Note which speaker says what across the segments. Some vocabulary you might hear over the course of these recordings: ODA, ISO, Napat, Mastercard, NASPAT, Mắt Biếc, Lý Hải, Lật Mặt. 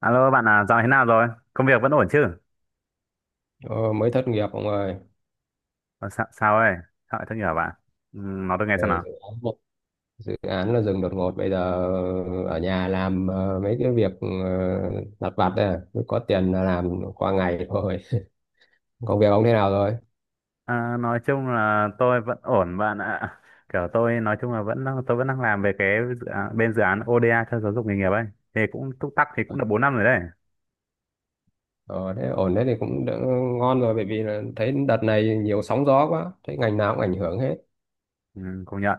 Speaker 1: Alo bạn à, dạo thế nào rồi? Công việc vẫn ổn chứ?
Speaker 2: Ờ, mới thất nghiệp ông ơi.
Speaker 1: Ờ, sao ấy? Sao lại thất nghiệp bạn? Ừ, nói tôi nghe xem
Speaker 2: Ờ,
Speaker 1: nào.
Speaker 2: dự án là dừng đột ngột bây giờ. Ở nhà làm mấy cái việc lặt vặt đây à. Mới có tiền là làm qua ngày thôi. Công việc ông thế nào rồi?
Speaker 1: À, nói chung là tôi vẫn ổn bạn ạ. Kiểu tôi nói chung là tôi vẫn đang làm về cái dự án, bên dự án ODA cho giáo dục nghề nghiệp ấy. Thì cũng túc tắc thì cũng được bốn năm rồi đấy.
Speaker 2: Ờ, Thế ổn thế thì cũng đỡ, ngon rồi, bởi vì là thấy đợt này nhiều sóng gió quá, thấy ngành nào cũng ảnh hưởng hết.
Speaker 1: Ừ, công nhận.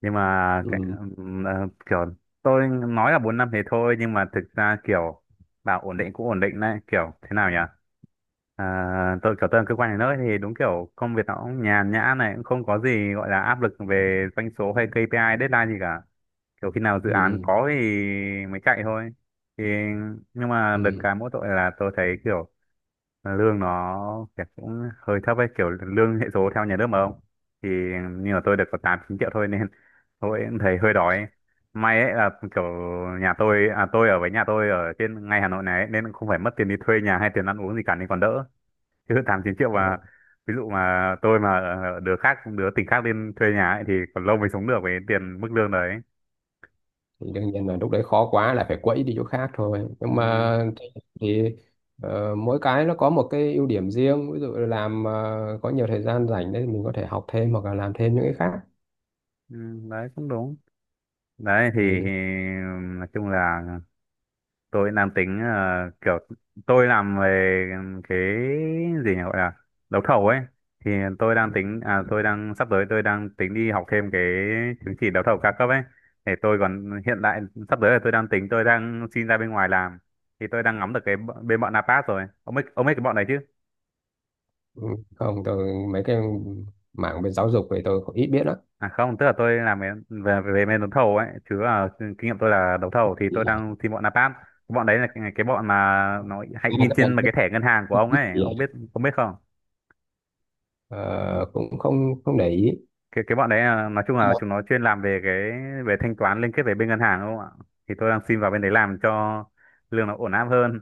Speaker 1: Nhưng mà cái,
Speaker 2: Ừ,
Speaker 1: kiểu tôi nói là 4 năm thì thôi, nhưng mà thực ra kiểu bảo ổn định cũng ổn định đấy, kiểu thế nào nhỉ? À, tôi kiểu tôi làm cơ quan nhà nước thì đúng kiểu công việc nó cũng nhàn nhã, này cũng không có gì gọi là áp lực về doanh số hay KPI deadline gì cả, kiểu khi nào dự án
Speaker 2: ừ,
Speaker 1: có thì mới chạy thôi. Thì nhưng mà được
Speaker 2: ừ.
Speaker 1: cái mỗi tội là tôi thấy kiểu lương nó kiểu cũng hơi thấp ấy, kiểu lương hệ số theo nhà nước mà không, thì như là tôi được có tám chín triệu thôi nên tôi cũng thấy hơi đói. May ấy là kiểu nhà tôi, à tôi ở với nhà tôi ở trên ngay Hà Nội này ấy, nên không phải mất tiền đi thuê nhà hay tiền ăn uống gì cả nên còn đỡ, chứ tám chín triệu mà ví dụ mà tôi mà đứa khác đứa tỉnh khác lên thuê nhà ấy, thì còn lâu mới sống được với tiền mức lương đấy.
Speaker 2: Thì đương nhiên là lúc đấy khó quá là phải quẫy đi chỗ khác thôi, nhưng
Speaker 1: Ừ,
Speaker 2: mà thì mỗi cái nó có một cái ưu điểm riêng, ví dụ là làm có nhiều thời gian rảnh đấy, thì mình có thể học thêm hoặc là làm thêm những cái khác.
Speaker 1: ừ, đấy cũng đúng đấy. Thì
Speaker 2: Ừ.
Speaker 1: nói chung là tôi nam tính kiểu tôi làm về cái gì nhỉ, gọi là đấu thầu ấy, thì tôi đang tính, à tôi đang sắp tới tôi đang tính đi học thêm cái chứng chỉ đấu thầu cao cấp ấy để tôi còn hiện tại sắp tới là tôi đang tính tôi đang xin ra bên ngoài làm. Thì tôi đang ngắm được cái bên bọn Napat rồi, ông biết cái bọn này chứ?
Speaker 2: Ừ. Không, tôi mấy cái mảng về giáo dục thì tôi cũng ít biết lắm.
Speaker 1: À không, tức là tôi làm về về, về bên đấu thầu ấy, chứ là kinh nghiệm tôi là đấu thầu, thì tôi đang xin bọn Napat. Bọn đấy là cái bọn mà nó hay
Speaker 2: À,
Speaker 1: in
Speaker 2: các bạn
Speaker 1: trên mà cái thẻ ngân hàng của ông
Speaker 2: biết
Speaker 1: ấy,
Speaker 2: gì
Speaker 1: ông
Speaker 2: à?
Speaker 1: biết ông biết không?
Speaker 2: Ờ, cũng không không để ý.
Speaker 1: Cái bọn đấy là, nói chung là chúng nó chuyên làm về về thanh toán liên kết về bên ngân hàng đúng không ạ? Thì tôi đang xin vào bên đấy làm cho lương nó ổn áp hơn.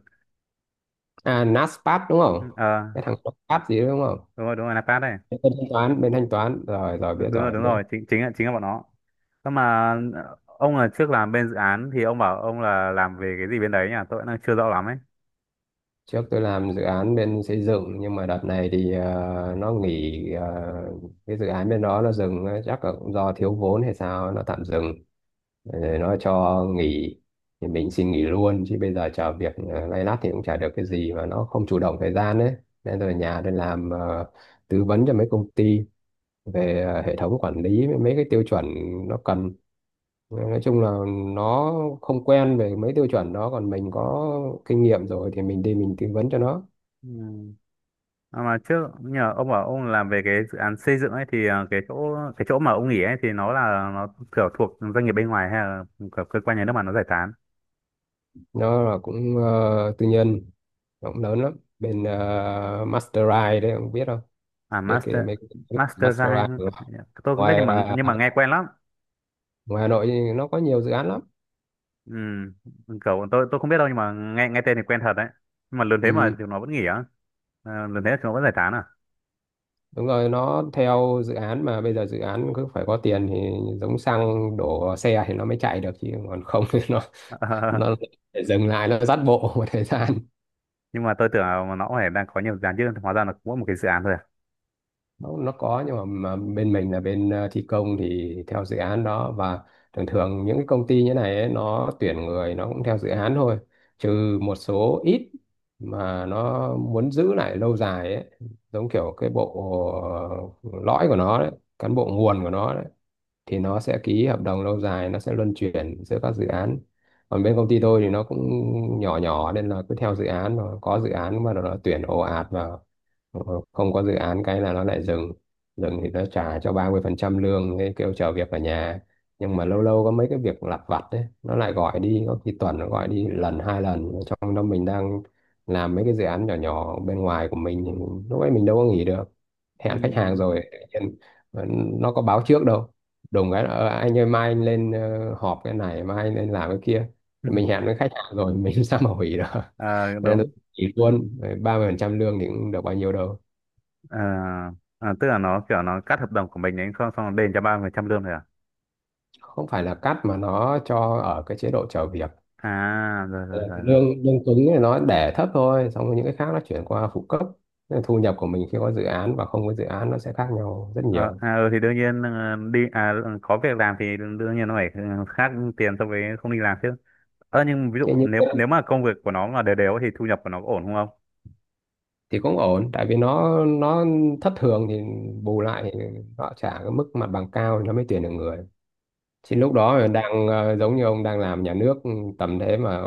Speaker 2: À, NASPAT đúng không?
Speaker 1: Ờ,
Speaker 2: Cái thằng NASPAT gì đó đúng không?
Speaker 1: đúng rồi, đúng rồi, Napat đây.
Speaker 2: Bên thanh toán rồi, rồi biết,
Speaker 1: Đúng, đúng rồi,
Speaker 2: rồi
Speaker 1: đúng
Speaker 2: biết.
Speaker 1: rồi, chính chính là bọn nó. Nhưng mà ông là trước làm bên dự án thì ông bảo ông là làm về cái gì bên đấy nhỉ, tôi vẫn đang chưa rõ lắm ấy.
Speaker 2: Trước tôi làm dự án bên xây dựng, nhưng mà đợt này thì nó nghỉ, cái dự án bên đó nó dừng ấy, chắc là cũng do thiếu vốn hay sao nó tạm dừng. Rồi nó cho nghỉ, thì mình xin nghỉ luôn, chứ bây giờ chờ việc lay lắt thì cũng chả được cái gì mà nó không chủ động thời gian đấy. Nên rồi nhà tôi làm tư vấn cho mấy công ty về hệ thống quản lý với mấy cái tiêu chuẩn nó cần. Nói chung là nó không quen về mấy tiêu chuẩn đó, còn mình có kinh nghiệm rồi thì mình đi mình tư vấn cho nó.
Speaker 1: Ừ. À mà trước nhờ ông bảo ông làm về cái dự án xây dựng ấy thì cái chỗ mà ông nghỉ ấy, thì nó là nó kiểu thuộc doanh nghiệp bên ngoài hay là kiểu cơ quan nhà nước mà nó giải tán?
Speaker 2: Nó là cũng tư nhân, nó cũng lớn lắm, bên Mastercard đấy, không biết không?
Speaker 1: À
Speaker 2: Biết cái
Speaker 1: master
Speaker 2: mấy cái
Speaker 1: master guy,
Speaker 2: Mastercard không?
Speaker 1: tôi cũng biết nhưng
Speaker 2: ngoài
Speaker 1: mà
Speaker 2: ờ,
Speaker 1: nhưng mà nghe quen lắm.
Speaker 2: ngoài Hà Nội thì nó có nhiều dự án lắm.
Speaker 1: Ừ, kiểu tôi không biết đâu, nhưng mà nghe nghe tên thì quen thật đấy. Nhưng mà lần thế
Speaker 2: Ừ,
Speaker 1: mà chúng nó vẫn nghỉ á? À, lần thế chúng nó vẫn giải tán à?
Speaker 2: đúng rồi, nó theo dự án mà bây giờ dự án cứ phải có tiền thì giống xăng đổ vào xe thì nó mới chạy được, chứ còn không thì nó nó để dừng lại, nó dắt bộ một thời gian.
Speaker 1: Ờ, nhưng mà tôi tưởng là nó cũng phải đang có nhiều dự án chứ, hóa ra là cũng có một cái dự án thôi à?
Speaker 2: Nó có, nhưng mà bên mình là bên thi công thì theo dự án đó. Và thường thường những cái công ty như này ấy, nó tuyển người nó cũng theo dự án thôi, trừ một số ít mà nó muốn giữ lại lâu dài ấy, giống kiểu cái bộ ờ, lõi của nó đấy, cán bộ nguồn của nó đấy, thì nó sẽ ký hợp đồng lâu dài, nó sẽ luân chuyển giữa các dự án. Còn bên công ty tôi thì nó cũng nhỏ nhỏ, nên là cứ theo dự án, mà có dự án mà nó tuyển ồ ạt vào, không có dự án cái là nó lại dừng. Dừng thì nó trả cho 30% lương, thế kêu chờ việc ở nhà. Nhưng mà lâu lâu có mấy cái việc lặt vặt đấy nó lại gọi đi, có khi tuần nó gọi đi lần, hai lần, trong đó mình đang làm mấy cái dự án nhỏ nhỏ bên ngoài của mình, thì lúc ấy mình đâu có nghỉ được,
Speaker 1: Ừ.
Speaker 2: hẹn khách hàng rồi tự nhiên nó có báo trước đâu. Đùng cái là, "Ờ, anh ơi mai anh lên họp cái này, mai anh lên làm cái kia." Mình hẹn với khách hàng rồi mình sao mà hủy được.
Speaker 1: Ờ,
Speaker 2: Nên là
Speaker 1: đúng.
Speaker 2: chỉ luôn 30% lương thì cũng được bao nhiêu đâu.
Speaker 1: Ờ, tức là nó kiểu nó cắt hợp đồng của mình ấy không, xong nó đền cho 3% lương thôi à?
Speaker 2: Không phải là cắt, mà nó cho ở cái chế độ chờ việc.
Speaker 1: À, rồi
Speaker 2: Ờ,
Speaker 1: rồi rồi rồi.
Speaker 2: lương lương cứng thì nó để thấp thôi, xong rồi những cái khác nó chuyển qua phụ cấp. Nên thu nhập của mình khi có dự án và không có dự án nó sẽ khác nhau rất
Speaker 1: Ờ,
Speaker 2: nhiều.
Speaker 1: à, ừ, thì đương nhiên đi, à ừ, có việc làm thì đương nhiên nó phải khác tiền so với không đi làm chứ. Ờ, nhưng ví
Speaker 2: Thế
Speaker 1: dụ
Speaker 2: nhưng
Speaker 1: nếu nếu mà công việc của nó mà đều đều thì thu nhập của nó có ổn không ông?
Speaker 2: thì cũng ổn, tại vì nó thất thường thì bù lại thì họ trả cái mức mặt bằng cao thì nó mới tuyển được người. Thì lúc đó đang giống như ông đang làm nhà nước, tầm thế mà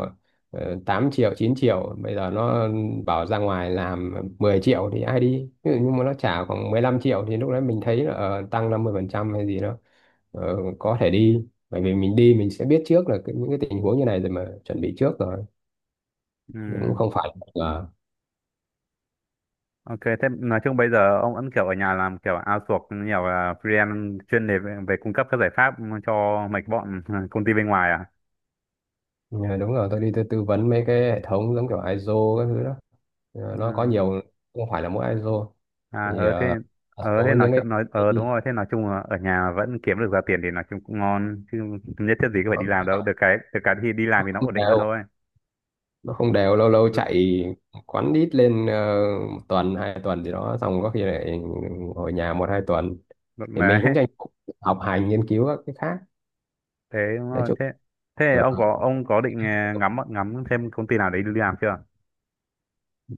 Speaker 2: 8 triệu, 9 triệu, bây giờ nó bảo ra ngoài làm 10 triệu thì ai đi. Ví dụ nhưng mà nó trả khoảng 15 triệu thì lúc đấy mình thấy là tăng 50% hay gì đó, có thể đi. Bởi vì mình đi mình sẽ biết trước là cái, những cái tình huống như này rồi mà chuẩn bị trước rồi.
Speaker 1: Ừ.
Speaker 2: Cũng không phải là.
Speaker 1: Ok, thế nói chung bây giờ ông vẫn kiểu ở nhà làm kiểu outsource nhiều là freelance chuyên đề về cung cấp các giải pháp cho mấy cái bọn công ty bên ngoài à?
Speaker 2: Ờ, ừ, đúng rồi, tôi đi tôi tư vấn mấy cái hệ thống giống kiểu ISO các thứ đó. Ờ,
Speaker 1: Ừ.
Speaker 2: nó có nhiều, không phải là mỗi ISO.
Speaker 1: À,
Speaker 2: Thì
Speaker 1: ờ thế,
Speaker 2: một
Speaker 1: ờ
Speaker 2: số
Speaker 1: thế nói
Speaker 2: những cái
Speaker 1: chuyện nói, ờ đúng rồi, thế nói chung là ở nhà vẫn kiếm được ra tiền thì nói chung cũng ngon chứ, nhất thiết gì cứ phải đi làm đâu, được cái thì đi làm thì nó
Speaker 2: không
Speaker 1: ổn định hơn
Speaker 2: đều,
Speaker 1: thôi.
Speaker 2: nó không đều, lâu lâu
Speaker 1: Ừ.
Speaker 2: chạy quán ít lên một tuần hai tuần gì đó, xong có khi lại ngồi nhà một hai tuần.
Speaker 1: Được
Speaker 2: Thì
Speaker 1: này.
Speaker 2: mình cũng tranh thủ học hành nghiên cứu các cái khác,
Speaker 1: Thế đúng
Speaker 2: nói
Speaker 1: rồi,
Speaker 2: chung,
Speaker 1: thế thế
Speaker 2: ờ,
Speaker 1: ông có định à, ngắm ngắm xem công ty nào đấy đi làm chưa?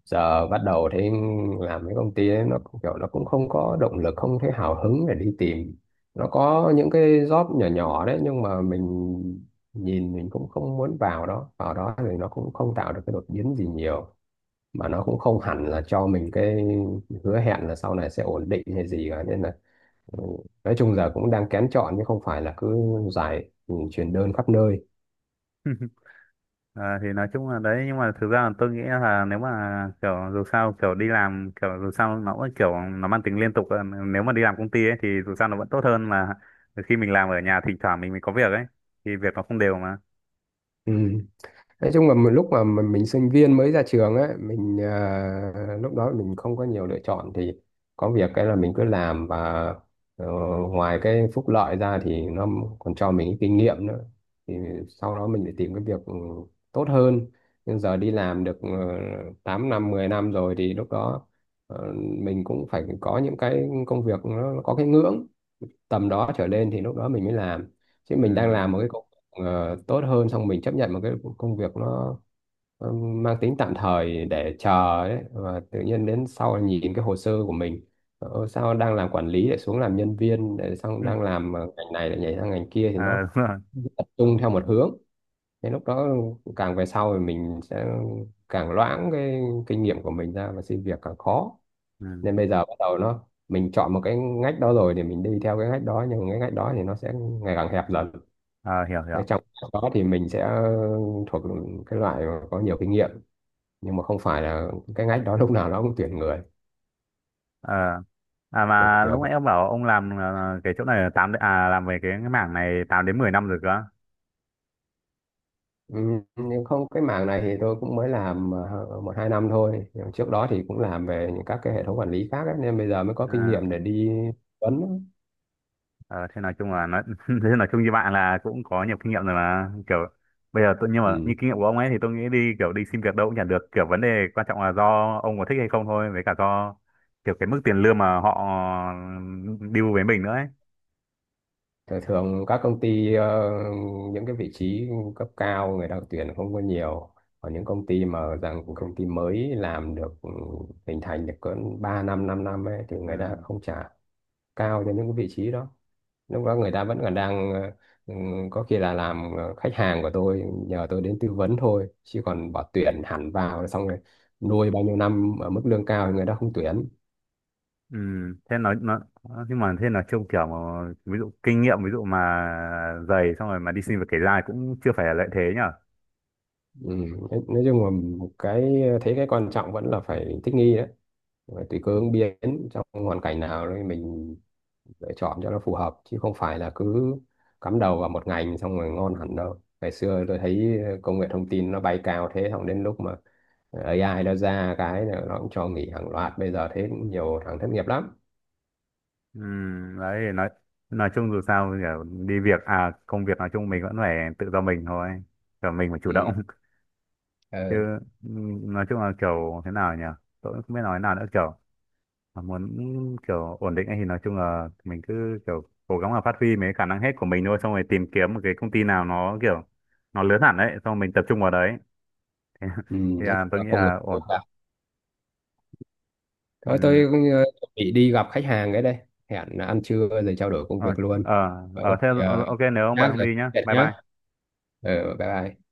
Speaker 2: giờ bắt đầu thấy làm cái công ty ấy, nó cũng kiểu, nó cũng không có động lực, không thấy hào hứng để đi tìm. Nó có những cái job nhỏ nhỏ đấy nhưng mà mình nhìn mình cũng không muốn vào đó. Vào đó thì nó cũng không tạo được cái đột biến gì nhiều, mà nó cũng không hẳn là cho mình cái hứa hẹn là sau này sẽ ổn định hay gì cả, nên là ừ, nói chung giờ cũng đang kén chọn chứ không phải là cứ chuyển đơn khắp nơi.
Speaker 1: À, thì nói chung là đấy, nhưng mà thực ra là tôi nghĩ là nếu mà kiểu dù sao kiểu đi làm kiểu dù sao nó cũng kiểu nó mang tính liên tục à, nếu mà đi làm công ty ấy thì dù sao nó vẫn tốt hơn là khi mình làm ở nhà thỉnh thoảng mình mới có việc ấy, thì việc nó không đều mà.
Speaker 2: Ừ. Nói chung là một lúc mà mình sinh viên mới ra trường ấy, mình lúc đó mình không có nhiều lựa chọn thì có việc cái là mình cứ làm. Và ờ, ngoài cái phúc lợi ra thì nó còn cho mình cái kinh nghiệm nữa. Thì sau đó mình phải tìm cái việc tốt hơn. Nhưng giờ đi làm được 8 năm, 10 năm rồi thì lúc đó ờ, mình cũng phải có những cái công việc nó có cái ngưỡng tầm đó trở lên thì lúc đó mình mới làm. Chứ
Speaker 1: Ừ.
Speaker 2: mình đang làm một cái công việc tốt hơn xong mình chấp nhận một cái công việc nó mang tính tạm thời để chờ ấy, và tự nhiên đến sau nhìn cái hồ sơ của mình, sao đang làm quản lý lại xuống làm nhân viên, để xong đang làm ngành này lại nhảy sang ngành kia thì
Speaker 1: À,
Speaker 2: nó
Speaker 1: đúng rồi.
Speaker 2: tập trung theo một hướng. Thế lúc đó càng về sau thì mình sẽ càng loãng cái kinh nghiệm của mình ra và xin việc càng khó.
Speaker 1: Ừ.
Speaker 2: Nên bây giờ bắt đầu nó mình chọn một cái ngách đó rồi thì mình đi theo cái ngách đó, nhưng cái ngách đó thì nó sẽ ngày càng hẹp dần.
Speaker 1: À, hiểu hiểu.
Speaker 2: Cái trong đó thì mình sẽ thuộc cái loại mà có nhiều kinh nghiệm, nhưng mà không phải là cái ngách đó lúc nào nó cũng tuyển người.
Speaker 1: Ờ, à
Speaker 2: Kiểu
Speaker 1: mà
Speaker 2: kiểu
Speaker 1: lúc
Speaker 2: vậy.
Speaker 1: nãy ông bảo ông làm cái chỗ này là tám, à làm về cái mảng này 8 đến 10 năm rồi cơ à?
Speaker 2: Ừ, nhưng không, cái mảng này thì tôi cũng mới làm một hai năm thôi. Nhưng trước đó thì cũng làm về những các cái hệ thống quản lý khác ấy, nên bây giờ mới có
Speaker 1: Ờ,
Speaker 2: kinh nghiệm để đi vấn.
Speaker 1: ờ, thế nói chung là nói thế nói chung như bạn là cũng có nhiều kinh nghiệm rồi mà kiểu bây giờ tôi, nhưng mà như kinh nghiệm của ông ấy thì tôi nghĩ đi kiểu đi xin việc đâu cũng chả được, kiểu vấn đề quan trọng là do ông có thích hay không thôi, với cả do kiểu cái mức tiền lương mà họ ừ, deal với mình nữa ấy.
Speaker 2: Thường các công ty, những cái vị trí cấp cao người ta tuyển không có nhiều. Còn những công ty mà rằng công ty mới làm được, hình thành được cỡ 3 năm 5 năm ấy, thì người ta
Speaker 1: Ừ.
Speaker 2: không trả cao cho những cái vị trí đó. Lúc đó người ta vẫn còn đang ừ, có khi là làm, khách hàng của tôi nhờ tôi đến tư vấn thôi, chứ còn bỏ tuyển hẳn vào xong rồi nuôi bao nhiêu năm ở mức lương cao thì người ta không tuyển.
Speaker 1: Ừ, thế nói nó, nhưng mà thế là trông kiểu mà, ví dụ kinh nghiệm ví dụ mà dày xong rồi mà đi xin việc kể ra cũng chưa phải là lợi thế nhở?
Speaker 2: Ừ. nói chung là cái thấy cái quan trọng vẫn là phải thích nghi đấy. Và tùy cơ ứng biến trong hoàn cảnh nào đấy mình lựa chọn cho nó phù hợp, chứ không phải là cứ cắm đầu vào một ngành xong rồi ngon hẳn đâu. Ngày xưa tôi thấy công nghệ thông tin nó bay cao thế, xong đến lúc mà AI nó ra cái là nó cũng cho nghỉ hàng loạt, bây giờ thế cũng nhiều thằng thất nghiệp lắm.
Speaker 1: Ừ, đấy nói chung dù sao kiểu đi việc à công việc nói chung mình vẫn phải tự do mình thôi, kiểu mình phải chủ
Speaker 2: Ừ.
Speaker 1: động. Chứ
Speaker 2: Ờ.
Speaker 1: ừ, nói chung là kiểu thế nào nhỉ, tôi cũng không biết nói nào nữa, kiểu mà muốn kiểu ổn định ấy thì nói chung là mình cứ kiểu cố gắng là phát huy mấy khả năng hết của mình thôi, xong rồi tìm kiếm một cái công ty nào nó kiểu nó lớn hẳn đấy, xong rồi mình tập trung vào đấy.
Speaker 2: Ừ.
Speaker 1: Thì
Speaker 2: Đấy
Speaker 1: à, tôi
Speaker 2: là
Speaker 1: nghĩ
Speaker 2: công nghiệp
Speaker 1: là
Speaker 2: của
Speaker 1: ổn.
Speaker 2: cả. Thôi
Speaker 1: Ừ.
Speaker 2: tôi cũng, chuẩn bị đi gặp khách hàng cái đây, hẹn ăn trưa rồi trao đổi công
Speaker 1: Ờ.
Speaker 2: việc luôn.
Speaker 1: Ờ.
Speaker 2: Ờ, có
Speaker 1: Ờ thế
Speaker 2: gì,
Speaker 1: ok, nếu ông bận
Speaker 2: nhá
Speaker 1: ông
Speaker 2: rồi,
Speaker 1: đi nhá,
Speaker 2: hẹn
Speaker 1: bye
Speaker 2: nhá.
Speaker 1: bye.
Speaker 2: Ừ, bye bye.